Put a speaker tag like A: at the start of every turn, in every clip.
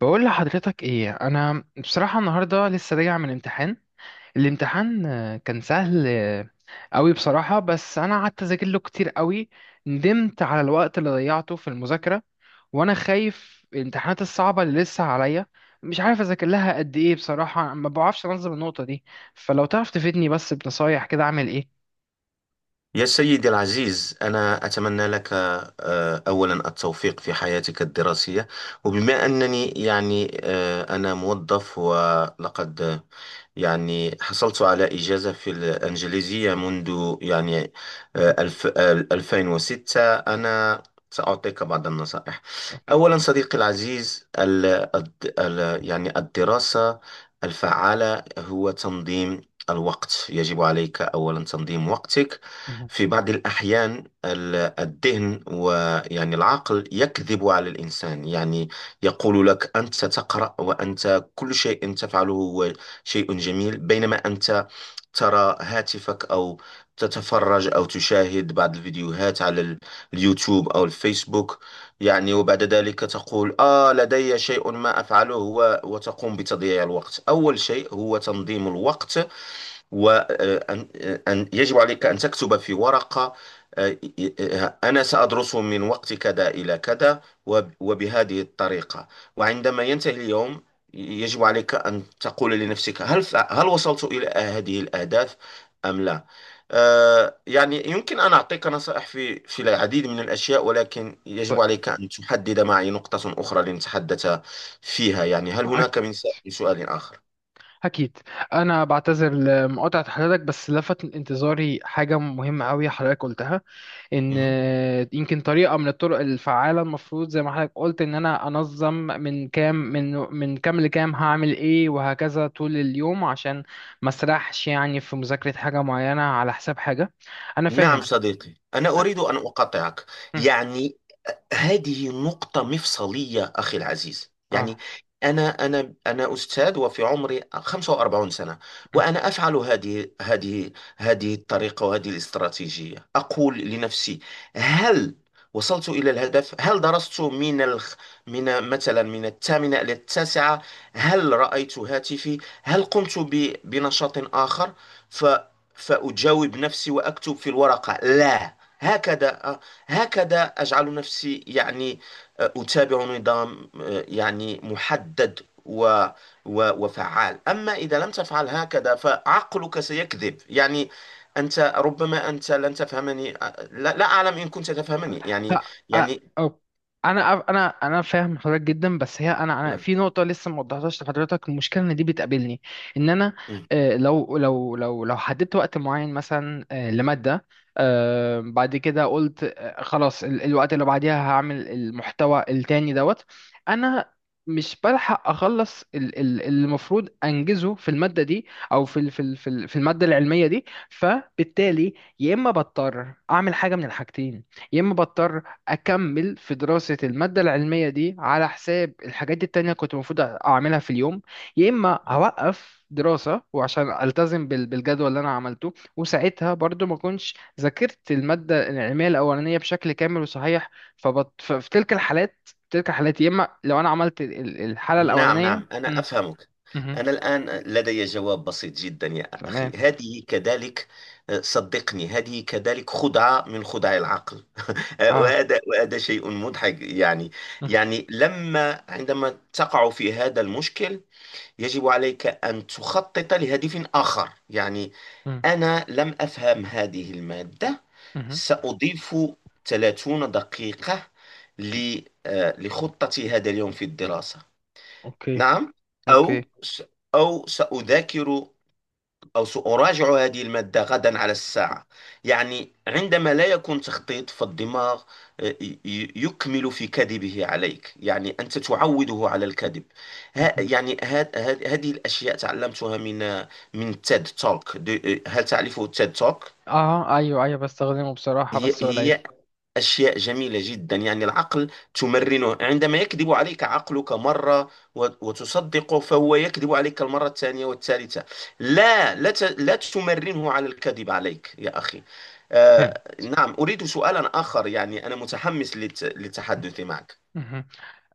A: بقول لحضرتك ايه، انا بصراحة النهاردة لسه راجع من امتحان. الامتحان كان سهل قوي بصراحة. بس انا قعدت اذاكر له كتير قوي. ندمت على الوقت اللي ضيعته في المذاكرة، وانا خايف الامتحانات الصعبة اللي لسه عليا. مش عارف اذاكر لها قد ايه، بصراحة ما بعرفش انظم النقطة دي. فلو تعرف تفيدني بس بنصايح كده اعمل ايه.
B: يا سيدي العزيز، أنا أتمنى لك أولا التوفيق في حياتك الدراسية. وبما أنني يعني أنا موظف، ولقد يعني حصلت على إجازة في الإنجليزية منذ يعني
A: مهم.
B: آه، الف آه، 2006. أنا سأعطيك بعض النصائح.
A: اوكي.
B: أولا صديقي العزيز، ال الد- ال يعني الدراسة الفعالة هو تنظيم الوقت. يجب عليك أولا تنظيم وقتك.
A: مهم.
B: في بعض الأحيان الذهن ويعني العقل يكذب على الإنسان، يعني يقول لك أنت تقرأ وأنت كل شيء تفعله هو شيء جميل، بينما أنت ترى هاتفك أو تتفرج أو تشاهد بعض الفيديوهات على اليوتيوب أو الفيسبوك، يعني وبعد ذلك تقول لدي شيء ما أفعله، و- وتقوم بتضييع الوقت. أول شيء هو تنظيم الوقت، وأن يجب عليك أن تكتب في ورقة، آه، أنا سأدرسه من وقت كذا إلى كذا، وب- وبهذه الطريقة، وعندما ينتهي اليوم يجب عليك أن تقول لنفسك هل وصلت إلى هذه الأهداف أم لا. يعني يمكن أن أعطيك نصائح في العديد من الأشياء، ولكن
A: طيب.
B: يجب عليك أن تحدد معي نقطة أخرى لنتحدث فيها. يعني هل هناك من سؤال آخر؟
A: أكيد. أنا بعتذر لمقاطعة حضرتك، بس لفت انتظاري حاجة مهمة أوي حضرتك قلتها، إن
B: مهم.
A: يمكن طريقة من الطرق الفعالة المفروض، زي ما حضرتك قلت، إن أنا أنظم من كام لكام هعمل إيه، وهكذا طول اليوم، عشان ما أسرحش يعني في مذاكرة حاجة معينة على حساب حاجة. أنا
B: نعم
A: فاهم.
B: صديقي، أنا أريد أن أقاطعك.
A: أه
B: يعني هذه نقطة مفصلية أخي العزيز. يعني
A: أه
B: أنا أستاذ، وفي عمري 45 سنة، وأنا أفعل هذه الطريقة وهذه الاستراتيجية. أقول لنفسي هل وصلت إلى الهدف؟ هل درست من مثلا من الثامنة إلى التاسعة؟ هل رأيت هاتفي؟ هل قمت بنشاط آخر؟ ف... فأجاوب نفسي وأكتب في الورقة لا. هكذا، هكذا أجعل نفسي يعني أتابع نظام يعني محدد و و وفعال. أما إذا لم تفعل هكذا فعقلك سيكذب، يعني ربما أنت لن تفهمني. لا, لا أعلم إن كنت تفهمني. يعني
A: ها- أ-
B: يعني
A: أو- انا أف- انا انا فاهم حضرتك جدا. بس هي انا
B: آه،
A: في نقطه لسه ما وضحتهاش لحضرتك، المشكله ان دي بتقابلني. ان انا
B: آه،
A: آه، لو لو لو لو حددت وقت معين مثلا لماده، بعد كده قلت خلاص الوقت اللي بعديها هعمل المحتوى التاني دوت. انا مش بلحق اخلص اللي المفروض انجزه في الماده دي، او في الماده العلميه دي. فبالتالي يا اما بضطر اعمل حاجه من الحاجتين، يا اما بضطر اكمل في دراسة المادة العلمية دي على حساب الحاجات دي التانية كنت المفروض اعملها في اليوم، يا اما
B: آه.
A: هوقف دراسة وعشان التزم بالجدول اللي انا عملته، وساعتها برضو ما كنتش ذاكرت المادة العلمية الاولانية بشكل كامل وصحيح. ففي تلك الحالات يا اما لو انا عملت الحالة
B: نعم
A: الاولانية.
B: نعم، أنا
A: مم.
B: أفهمك.
A: مهم.
B: أنا الآن لدي جواب بسيط جدا يا أخي.
A: تمام.
B: هذه كذلك، صدقني هذه كذلك خدعة من خدع العقل.
A: اه.
B: وهذا شيء مضحك. يعني
A: مم.
B: يعني عندما تقع في هذا المشكل، يجب عليك أن تخطط لهدف آخر. يعني
A: مم.
B: أنا لم أفهم هذه المادة،
A: مهم.
B: سأضيف 30 دقيقة لخطتي هذا اليوم في الدراسة.
A: اوكي،
B: نعم.
A: اوكي.
B: أو س- أو سأذاكر، أو سأراجع هذه المادة غدا على الساعة. يعني عندما لا يكون تخطيط فالدماغ يكمل في كذبه عليك، يعني أنت تعوده على الكذب. ها
A: مهم.
B: يعني هذه الأشياء تعلمتها من تيد توك. هل تعرفه تيد توك؟
A: اه، ايوه، ايوه، بستخدمه بصراحة
B: هي
A: بس قليل.
B: هي أشياء جميلة جدا. يعني العقل تمرنه، عندما يكذب عليك عقلك مرة وت- وتصدقه فهو يكذب عليك المرة الثانية والثالثة. لا لا لا تمرنه على الكذب عليك يا أخي.
A: فهمت.
B: نعم، أريد سؤالا آخر. يعني أنا متحمس للتحدث معك.
A: مهم.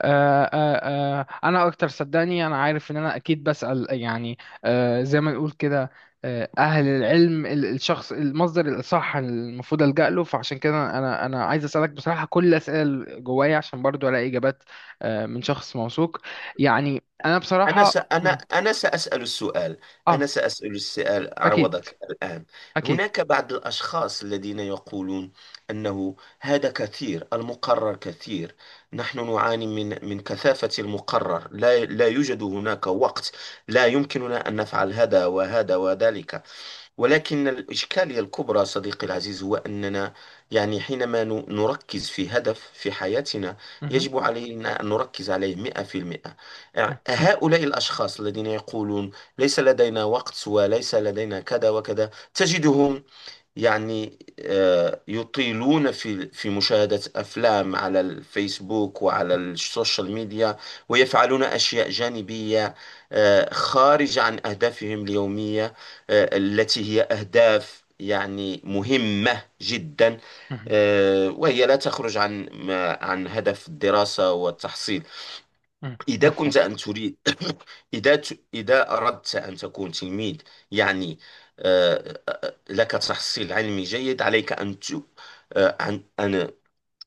A: آه، آه، انا اكتر، صدقني انا عارف ان انا اكيد بسأل، يعني زي ما نقول كده، اهل العلم، الشخص المصدر الاصح المفروض ألجأ له، فعشان كده انا عايز اسالك بصراحه كل الاسئله اللي جوايا عشان برضو الاقي اجابات من شخص موثوق. يعني انا
B: أنا س...
A: بصراحه.
B: أنا
A: مم.
B: أنا سأسأل السؤال. أنا
A: اه.
B: سأسأل السؤال
A: اكيد،
B: عوضك الآن.
A: اكيد.
B: هناك بعض الأشخاص الذين يقولون أنه هذا كثير، المقرر كثير، نحن نعاني من كثافة المقرر، لا يوجد هناك وقت، لا يمكننا أن نفعل هذا وهذا وذلك. ولكن الإشكالية الكبرى صديقي العزيز هو أننا يعني حينما نركز في هدف في حياتنا،
A: مهم.
B: يجب علينا أن نركز عليه 100%.
A: مهم.
B: هؤلاء الأشخاص الذين يقولون ليس لدينا وقت وليس لدينا كذا وكذا، تجدهم يعني يطيلون في مشاهدة أفلام على الفيسبوك وعلى السوشيال ميديا، ويفعلون أشياء جانبية خارجة عن أهدافهم اليومية، التي هي أهداف يعني مهمة جدا،
A: مهم.
B: وهي لا تخرج عن هدف الدراسة والتحصيل.
A: مهم.
B: إذا
A: مفهوم.
B: كنت أن تريد إذا أردت أن تكون تلميذ يعني لك تحصيل علمي جيد، عليك أن ت... آه، أن أن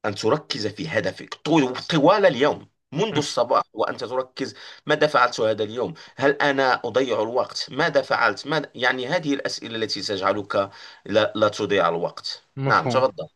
B: أن تركز في هدفك طوال اليوم. منذ
A: مهم.
B: الصباح وأنت تركز ماذا فعلت هذا اليوم؟ هل أنا أضيع الوقت؟ ماذا فعلت؟ يعني هذه الأسئلة التي تجعلك لا, لا تضيع الوقت. نعم
A: مفهوم.
B: تفضل.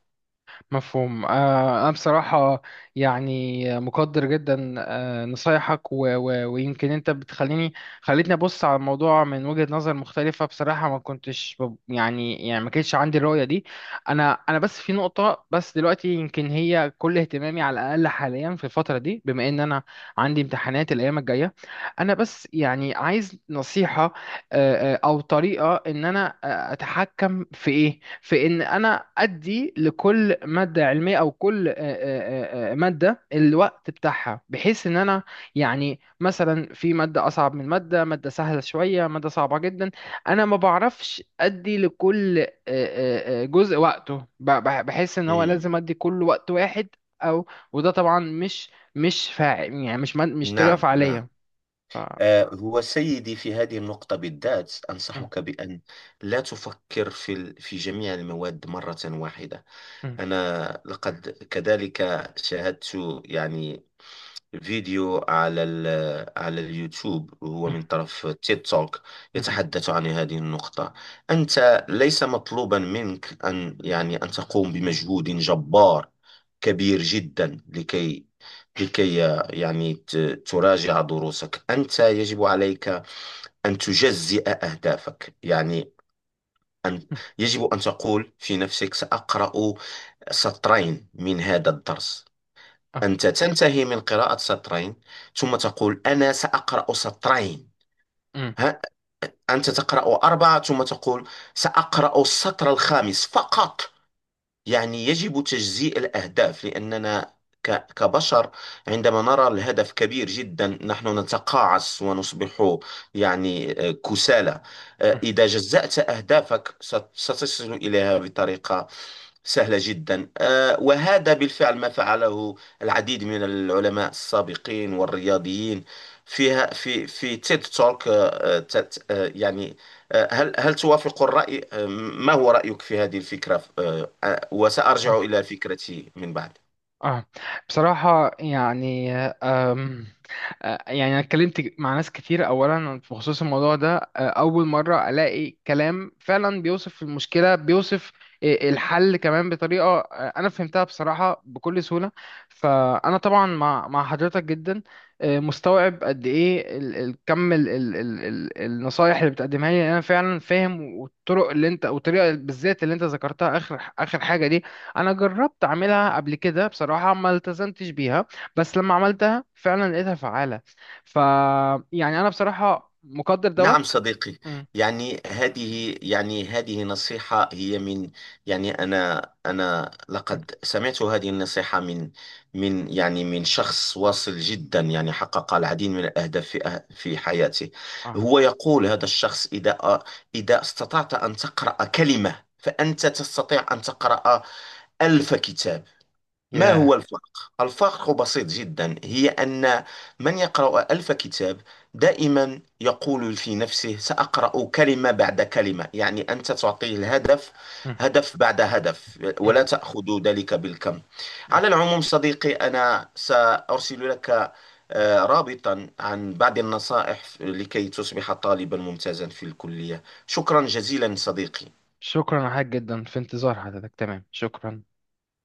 A: مفهوم. أنا بصراحة يعني مقدر جدا نصايحك ويمكن أنت خليتني أبص على الموضوع من وجهة نظر مختلفة. بصراحة ما كنتش يعني ما كانش عندي الرؤية دي. أنا بس في نقطة، بس دلوقتي يمكن هي كل اهتمامي على الأقل حاليا في الفترة دي، بما إن أنا عندي امتحانات الأيام الجاية، أنا بس يعني عايز نصيحة. او طريقه ان انا اتحكم في ان انا ادي لكل ماده علميه، او كل ماده الوقت بتاعها، بحيث ان انا يعني مثلا في ماده اصعب من ماده سهله شويه، ماده صعبه جدا. انا ما بعرفش ادي لكل جزء وقته، بحس ان هو
B: مم.
A: لازم ادي كل وقت واحد. او وده طبعا مش يعني مش طريقه
B: نعم نعم.
A: فعاليه. ف...
B: هو سيدي في هذه النقطة بالذات
A: م-
B: أنصحك بأن لا تفكر في في جميع المواد مرة واحدة.
A: م-
B: أنا لقد كذلك شاهدت يعني فيديو على على اليوتيوب، وهو
A: م-
B: من طرف تيد توك،
A: م-
B: يتحدث عن هذه النقطة. أنت ليس مطلوبا منك أن يعني أن تقوم بمجهود جبار كبير جدا، لكي لكي يعني تراجع دروسك. أنت يجب عليك أن تجزئ أهدافك، يعني أن يجب أن تقول في نفسك سأقرأ سطرين من هذا الدرس.
A: م-
B: أنت تنتهي من قراءة سطرين، ثم تقول أنا سأقرأ سطرين.
A: مم.
B: ها؟ أنت تقرأ أربعة ثم تقول سأقرأ السطر الخامس فقط. يعني يجب تجزيء الأهداف، لأننا كبشر عندما نرى الهدف كبير جدا نحن نتقاعس ونصبح يعني كسالى. إذا جزأت أهدافك ستصل إليها بطريقة سهلة جدا. وهذا بالفعل ما فعله العديد من العلماء السابقين والرياضيين فيها في تيد توك. يعني هل توافق الرأي؟ ما هو رأيك في هذه الفكرة؟
A: مم.
B: وسأرجع إلى فكرتي من بعد.
A: اه، بصراحة يعني، يعني أنا اتكلمت مع ناس كتير أولا بخصوص الموضوع ده، أول مرة ألاقي كلام فعلا بيوصف المشكلة، بيوصف الحل كمان بطريقة أنا فهمتها بصراحة بكل سهولة. فأنا طبعا مع حضرتك جدا، مستوعب قد إيه كم النصايح اللي بتقدمها لي. أنا فعلا فاهم، والطرق اللي والطريقة بالذات اللي أنت ذكرتها آخر آخر حاجة دي، انا جربت اعملها قبل كده بصراحه ما التزمتش بيها، بس لما عملتها فعلا لقيتها فعاله. ف يعني انا بصراحه مقدر
B: نعم
A: دوت.
B: صديقي.
A: مم،
B: يعني هذه، يعني هذه نصيحة هي من، يعني أنا
A: مم،
B: لقد سمعت هذه النصيحة من يعني من شخص واصل جدا، يعني حقق العديد من الأهداف في حياته.
A: اه،
B: هو يقول هذا الشخص إذا استطعت أن تقرأ كلمة فأنت تستطيع أن تقرأ 1000 كتاب. ما
A: ياه،
B: هو الفرق؟ الفرق بسيط جدا، هي أن من يقرأ 1000 كتاب دائما يقول في نفسه سأقرأ كلمة بعد كلمة. يعني أنت تعطيه الهدف،
A: مم،
B: هدف بعد هدف،
A: مم،
B: ولا تأخذ ذلك بالكم.
A: مم.
B: على العموم صديقي، أنا سأرسل لك رابطا عن بعض النصائح لكي تصبح طالبا ممتازا في الكلية. شكرا جزيلا صديقي.
A: شكرا يا حاج جدا، في انتظار حضرتك. تمام، شكرا.